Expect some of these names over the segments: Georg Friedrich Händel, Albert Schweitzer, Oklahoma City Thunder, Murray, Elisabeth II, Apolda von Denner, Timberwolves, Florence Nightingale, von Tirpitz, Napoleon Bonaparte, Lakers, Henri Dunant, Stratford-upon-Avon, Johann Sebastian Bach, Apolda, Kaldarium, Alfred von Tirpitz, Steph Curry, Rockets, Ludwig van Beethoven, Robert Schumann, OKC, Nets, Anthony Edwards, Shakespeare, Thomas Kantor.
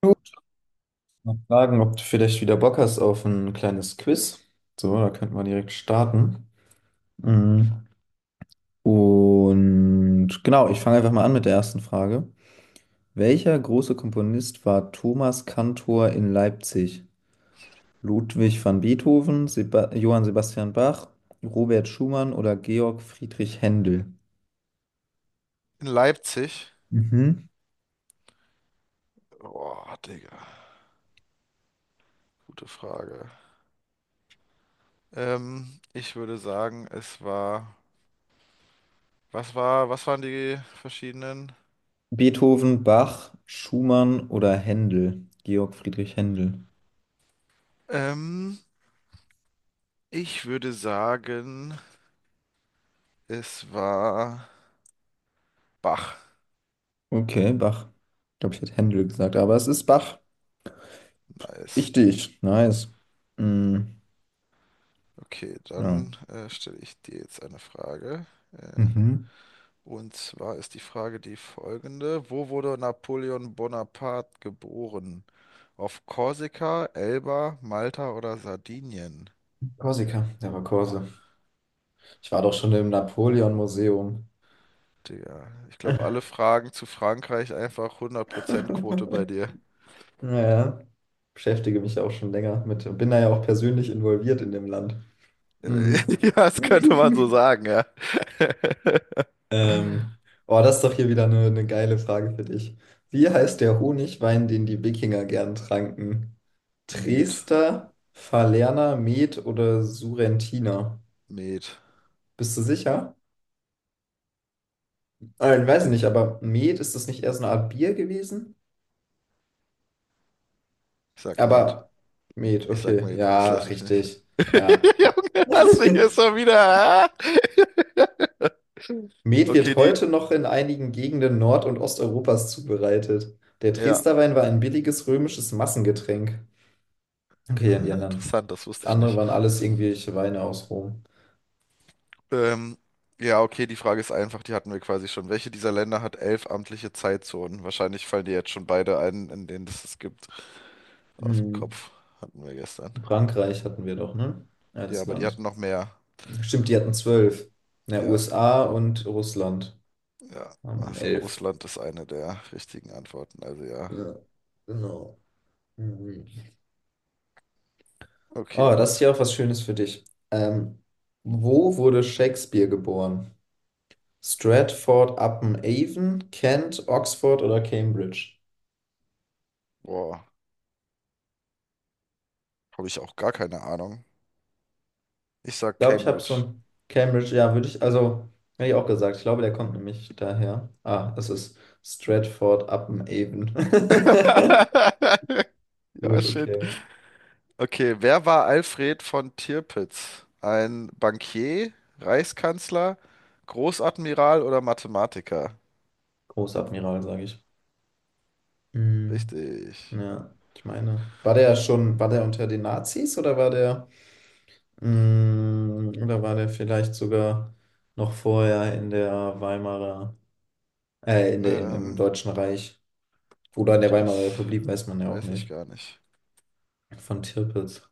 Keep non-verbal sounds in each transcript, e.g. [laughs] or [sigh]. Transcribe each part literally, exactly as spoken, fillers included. Gut, mal fragen, ob du vielleicht wieder Bock hast auf ein kleines Quiz. So, da könnten wir direkt starten. Mhm. Und genau, ich fange einfach mal an mit der ersten Frage. Welcher große Komponist war Thomas Kantor in Leipzig? Ludwig van Beethoven, Seba Johann Sebastian Bach, Robert Schumann oder Georg Friedrich Händel? In Leipzig? Mhm. Boah, Digga, gute Frage. Ähm, ich würde sagen, es war. Was war, was waren die verschiedenen? Beethoven, Bach, Schumann oder Händel? Georg Friedrich Händel. Ähm, Ich würde sagen, es war Bach. Okay, Bach. Ich glaube, ich hätte Händel gesagt, aber es ist Bach. Nice. Richtig, nice. Mm, Okay, ja. dann äh, stelle ich dir jetzt eine Frage. Äh, Mhm. und zwar ist die Frage die folgende: Wo wurde Napoleon Bonaparte geboren? Auf Korsika, Elba, Malta oder Sardinien? Korsika, der war Korse. Ich war doch schon im Napoleon-Museum. Digga, ich glaube, alle Fragen zu Frankreich einfach hundert Prozent Quote bei [laughs] dir. Naja, beschäftige mich auch schon länger mit, bin da ja auch persönlich involviert in dem Land. Mhm. [laughs] Ja, das könnte man so [laughs] sagen, ja. Ähm, oh, das ist doch hier wieder eine, eine geile Frage für dich. Wie heißt der Honigwein, den die Wikinger gern tranken? Met, Dresdner, Falerner, Met oder Surrentiner? Met, Bist du sicher? Ah, ich weiß nicht, Digga. aber Met, ist das nicht eher so eine Art Bier gewesen? Ich sag Met. Aber Met, Ich sag okay, Met. Ich ja, lass mich nicht. richtig. [laughs] Ja. Junge, lass mich jetzt mal wieder. Ah? [laughs] Met wird Okay, die. heute noch in einigen Gegenden Nord- und Osteuropas zubereitet. Der Ja. Dresdner Wein war ein billiges römisches Massengetränk. Okay, und die Ah, anderen. interessant, das wusste Das ich andere nicht. waren alles irgendwelche Weine aus Rom. Ähm, ja, okay, die Frage ist einfach, die hatten wir quasi schon. Welche dieser Länder hat elf amtliche Zeitzonen? Wahrscheinlich fallen dir jetzt schon beide ein, in denen es es gibt. Aus dem Hm. Kopf hatten wir gestern. Frankreich hatten wir doch, ne? Ja, Als aber die hatten Land. noch mehr. Stimmt, die hatten zwölf. Na, Ja, U S A und Russland ja. haben Also elf. Russland ist eine der richtigen Antworten. Also ja. Ja, genau. Mhm. Okay. Oh, das ist ja auch was Schönes für dich. Ähm, wo wurde Shakespeare geboren? Stratford-upon-Avon, Kent, Oxford oder Cambridge? Boah, habe ich auch gar keine Ahnung. Ich Ich sag glaube, ich habe so Cambridge. ein Cambridge, ja, würde ich, also, hätte ich auch gesagt. Ich glaube, der kommt nämlich daher. Ah, es ist Stratford-upon-Avon. [laughs] [laughs] Ja, Gut, shit. okay. Okay, wer war Alfred von Tirpitz? Ein Bankier, Reichskanzler, Großadmiral oder Mathematiker? Großadmiral, sage ich. Hm, Richtig. ja, ich meine. War der schon, war der unter den Nazis oder war der. Mm, Oder war der vielleicht sogar noch vorher in der Weimarer, äh, in der, im, im Ähm, Deutschen Reich oder in der Weimarer Das Republik, weiß man ja auch weiß ich nicht. gar nicht. Von Tirpitz.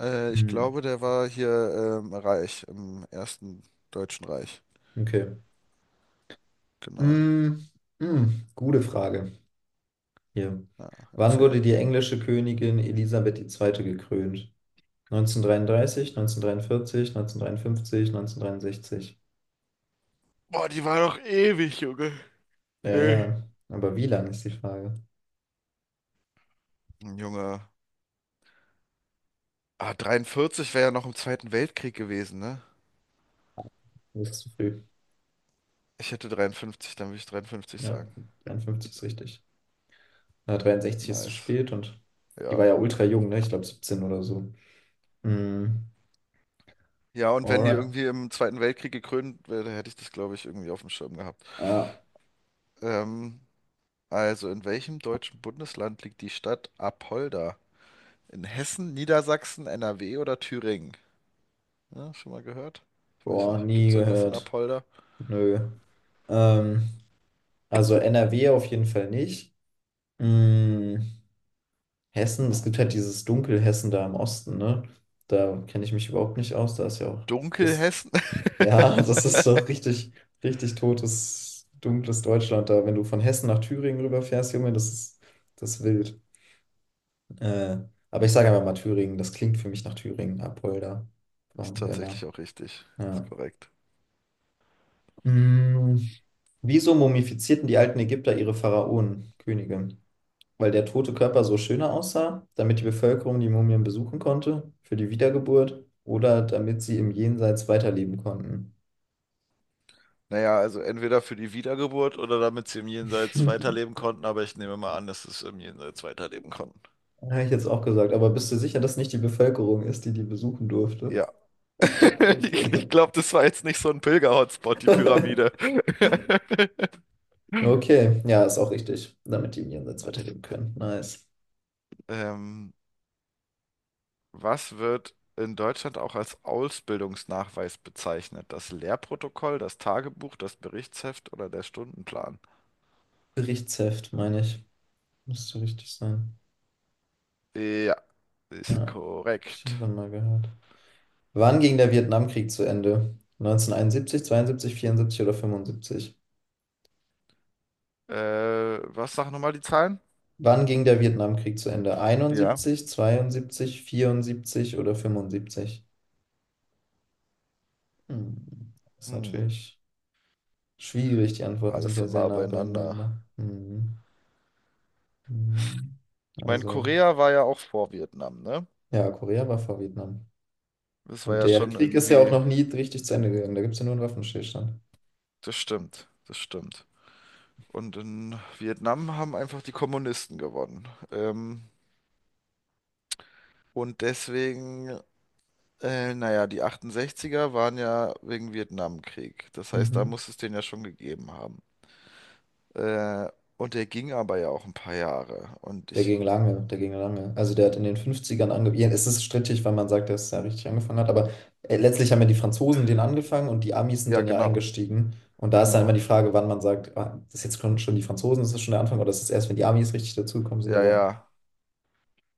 Äh, ich Mm, glaube, der war hier ähm, reich, im Ersten Deutschen Reich. okay. Genau. Mm, mm, Gute Frage. Hier. Ja, Wann wurde erzähl. die englische Königin Elisabeth die Zweite. Gekrönt? neunzehnhundertdreiunddreißig, neunzehnhundertdreiundvierzig, neunzehnhundertdreiundfünfzig, neunzehnhundertdreiundsechzig. Boah, die war doch ewig, Junge. Ja, Ey. ja. Aber wie lang ist die Frage? Ein Junge. Ah, dreiundvierzig wäre ja noch im Zweiten Weltkrieg gewesen, ne? Das ist zu früh. Ich hätte dreiundfünfzig, dann würde ich dreiundfünfzig Ja, sagen. dreiundfünfzig ist richtig. äh, dreiundsechzig ist zu Nice. spät und die Ja. war ja ultra jung, ne? Ich glaube siebzehn oder so. Mm, Ja, und wenn die alright. irgendwie im Zweiten Weltkrieg gekrönt wäre, hätte ich das, glaube ich, irgendwie auf dem Schirm gehabt. Ja. Ähm, also, in welchem deutschen Bundesland liegt die Stadt Apolda? In Hessen, Niedersachsen, N R W oder Thüringen? Ja, schon mal gehört? Ich weiß Boah, nicht. Gibt nie es irgendwas in gehört. Apolda? Nö. Ähm, also N R W auf jeden Fall nicht. Mm, Hessen, es gibt halt dieses Dunkelhessen da im Osten, ne? Da kenne ich mich überhaupt nicht aus. Da ist ja auch das, Dunkelhessen? ja, [laughs] das ist doch richtig, richtig totes, dunkles Deutschland da. Wenn du von Hessen nach Thüringen rüberfährst, Junge, das ist das ist wild. Äh, aber ich sage einfach mal Thüringen. Das klingt für mich nach Thüringen, Apolda Ist von tatsächlich Denner. auch richtig. Ist Ja. korrekt. Mm, Wieso mumifizierten die alten Ägypter ihre Pharaonen, Könige? Weil der tote Körper so schöner aussah, damit die Bevölkerung die Mumien besuchen konnte, für die Wiedergeburt oder damit sie im Jenseits weiterleben konnten. Naja, also entweder für die Wiedergeburt oder damit sie im Jenseits weiterleben [laughs] konnten, aber ich nehme mal an, dass es im Jenseits weiterleben konnten. Habe ich jetzt auch gesagt, aber bist du sicher, dass nicht die Bevölkerung ist, die die besuchen durfte? Ja. [laughs] [laughs] Ich, Okay. ich glaube, das war jetzt nicht so ein Pilger-Hotspot, die [laughs] Pyramide. Okay, ja, ist auch richtig, damit die im Jenseits Nice. weiterleben können. Nice. Ähm, Was wird in Deutschland auch als Ausbildungsnachweis bezeichnet? Das Lehrprotokoll, das Tagebuch, das Berichtsheft oder der Stundenplan? Berichtsheft, meine ich. Müsste richtig sein. Ja, Ja, ist habe ich korrekt. irgendwann mal gehört. Wann ging der Vietnamkrieg zu Ende? Neunzehnhunderteinundsiebzig, zweiundsiebzig, vierundsiebzig oder fünfundsiebzig? Äh, Was sagen nochmal die Zahlen? Wann ging der Vietnamkrieg zu Ende? Ja. Einundsiebzig, zweiundsiebzig, vierundsiebzig oder fünfundsiebzig? Hm. Das ist Hm. natürlich schwierig. Die Antworten Alles sind so ja sehr nah nah beieinander. beieinander. Hm. Hm. Ich meine, Also, Korea war ja auch vor Vietnam, ne? ja, Korea war vor Vietnam. Das war Und ja der schon Krieg ist ja auch irgendwie. noch nie richtig zu Ende gegangen. Da gibt es ja nur einen Waffenstillstand. Das stimmt, das stimmt. Und in Vietnam haben einfach die Kommunisten gewonnen. Ähm, und deswegen, äh, naja, die achtundsechziger waren ja wegen Vietnamkrieg. Das heißt, da Mhm. muss es den ja schon gegeben haben. Äh, und der ging aber ja auch ein paar Jahre. Und Der ich, ging lange, der ging lange. Also der hat in den Fünfzigern ern angefangen. Es ist strittig, weil man sagt, dass er richtig angefangen hat, aber äh, letztlich haben ja die Franzosen den angefangen und die Amis sind Ja, dann ja genau, eingestiegen. Und da ist dann genau. immer die Frage, wann man sagt, ah, das ist jetzt schon schon die Franzosen, das ist schon der Anfang, oder das ist das erst, wenn die Amis richtig dazugekommen sind. Ja, Aber ja.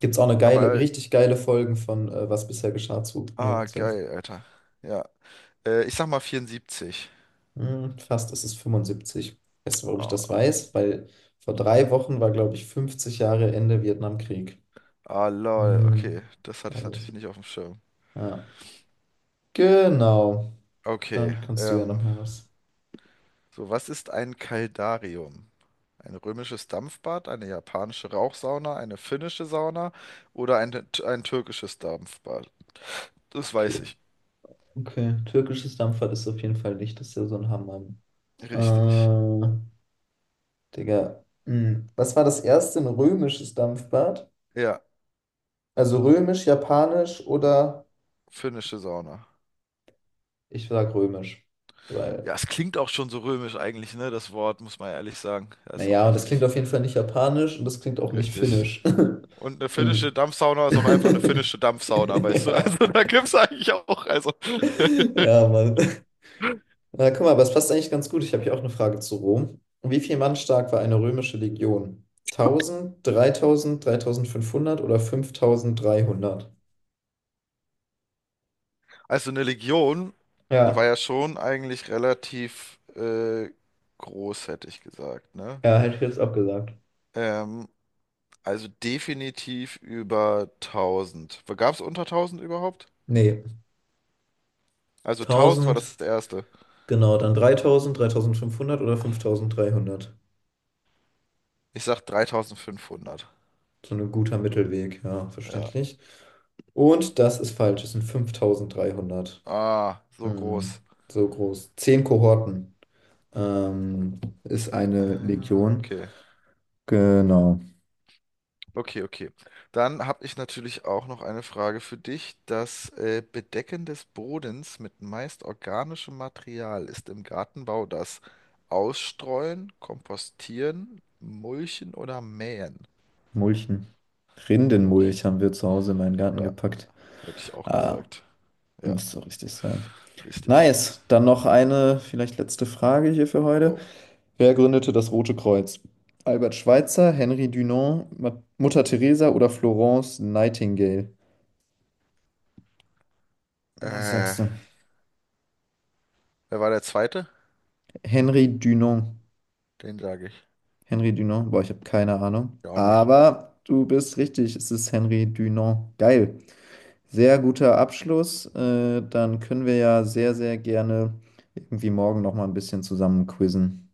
gibt es auch eine geile, Aber, richtig geile Folgen von äh, Was bisher geschah zu nur ah, geil, Alter. Ja. Äh, ich sag mal vierundsiebzig. hm, fast ist es fünfundsiebzig. Weißt du, warum ich Oh, das weiß? Weil vor drei Wochen war, glaube ich, fünfzig Jahre Ende Vietnamkrieg. ah, lol. Hm. Okay, das hatte ich Also, natürlich nicht auf dem Schirm. ja. Genau. Okay, Dann kannst du ja noch ähm, mal was. so, was ist ein Kaldarium? Ein römisches Dampfbad, eine japanische Rauchsauna, eine finnische Sauna oder ein, ein türkisches Dampfbad? Das weiß Okay. ich. Okay. Türkisches Dampfbad ist auf jeden Fall nicht. Das ist ja so ein Hammer. Richtig. Äh, Digga. Hm. Was war das erste? Ein römisches Dampfbad? Ja, Also römisch, japanisch oder finnische Sauna. ich sag römisch. Ja, Weil, es klingt auch schon so römisch eigentlich, ne? Das Wort, muss man ehrlich sagen. Ja, ist auch naja, und das klingt richtig. auf jeden Fall nicht japanisch und das klingt auch nicht Richtig. finnisch. [laughs] Und eine Hm. finnische Dampfsauna ist auch einfach eine [laughs] finnische Dampfsauna, weißt du? [laughs] Ja. Also da gibt's eigentlich auch, also. [laughs] Ja, Mann. [laughs] Na, guck mal, aber es passt eigentlich ganz gut. Ich habe hier auch eine Frage zu Rom. Wie viel Mann stark war eine römische Legion? Tausend, dreitausend, dreitausendfünfhundert oder fünftausenddreihundert? Also eine Legion war Ja, ja schon eigentlich relativ äh, groß, hätte ich gesagt, ne? ja, hätte ich jetzt auch gesagt. Ähm, also definitiv über tausend. Gab es unter tausend überhaupt? Nee, Also tausend war tausend, das erste. genau, dann dreitausend, dreitausendfünfhundert oder fünftausenddreihundert. Ich sag dreitausendfünfhundert. So ein guter Mittelweg, ja, Ja. verständlich. Und das ist falsch, es sind fünftausenddreihundert. Ah, so Hm, groß. so groß. Zehn Kohorten ähm, ist eine Ah, Legion. okay. Genau. Okay, okay. Dann habe ich natürlich auch noch eine Frage für dich. Das äh, Bedecken des Bodens mit meist organischem Material ist im Gartenbau das Ausstreuen, Kompostieren, Mulchen oder Mähen. Mulchen. Hätte Rindenmulch ich, haben wir zu Hause in meinen Garten ja, gepackt. hätte ich auch Ah, gesagt. Ja, müsste richtig sein. richtig. Nice. Dann noch eine, vielleicht letzte Frage hier für heute. Jo. Wer gründete das Rote Kreuz? Albert Schweitzer, Henri Dunant, Ma- Mutter Teresa oder Florence Nightingale? Was Äh, sagst du? wer war der Zweite? Henri Dunant. Den sage ich. Henri Dunant. Boah, ich habe keine Ahnung. Ja, auch nicht. Aber du bist richtig. Es ist Henri Dunant. Geil. Sehr guter Abschluss. Äh, dann können wir ja sehr, sehr gerne irgendwie morgen noch mal ein bisschen zusammen quizzen.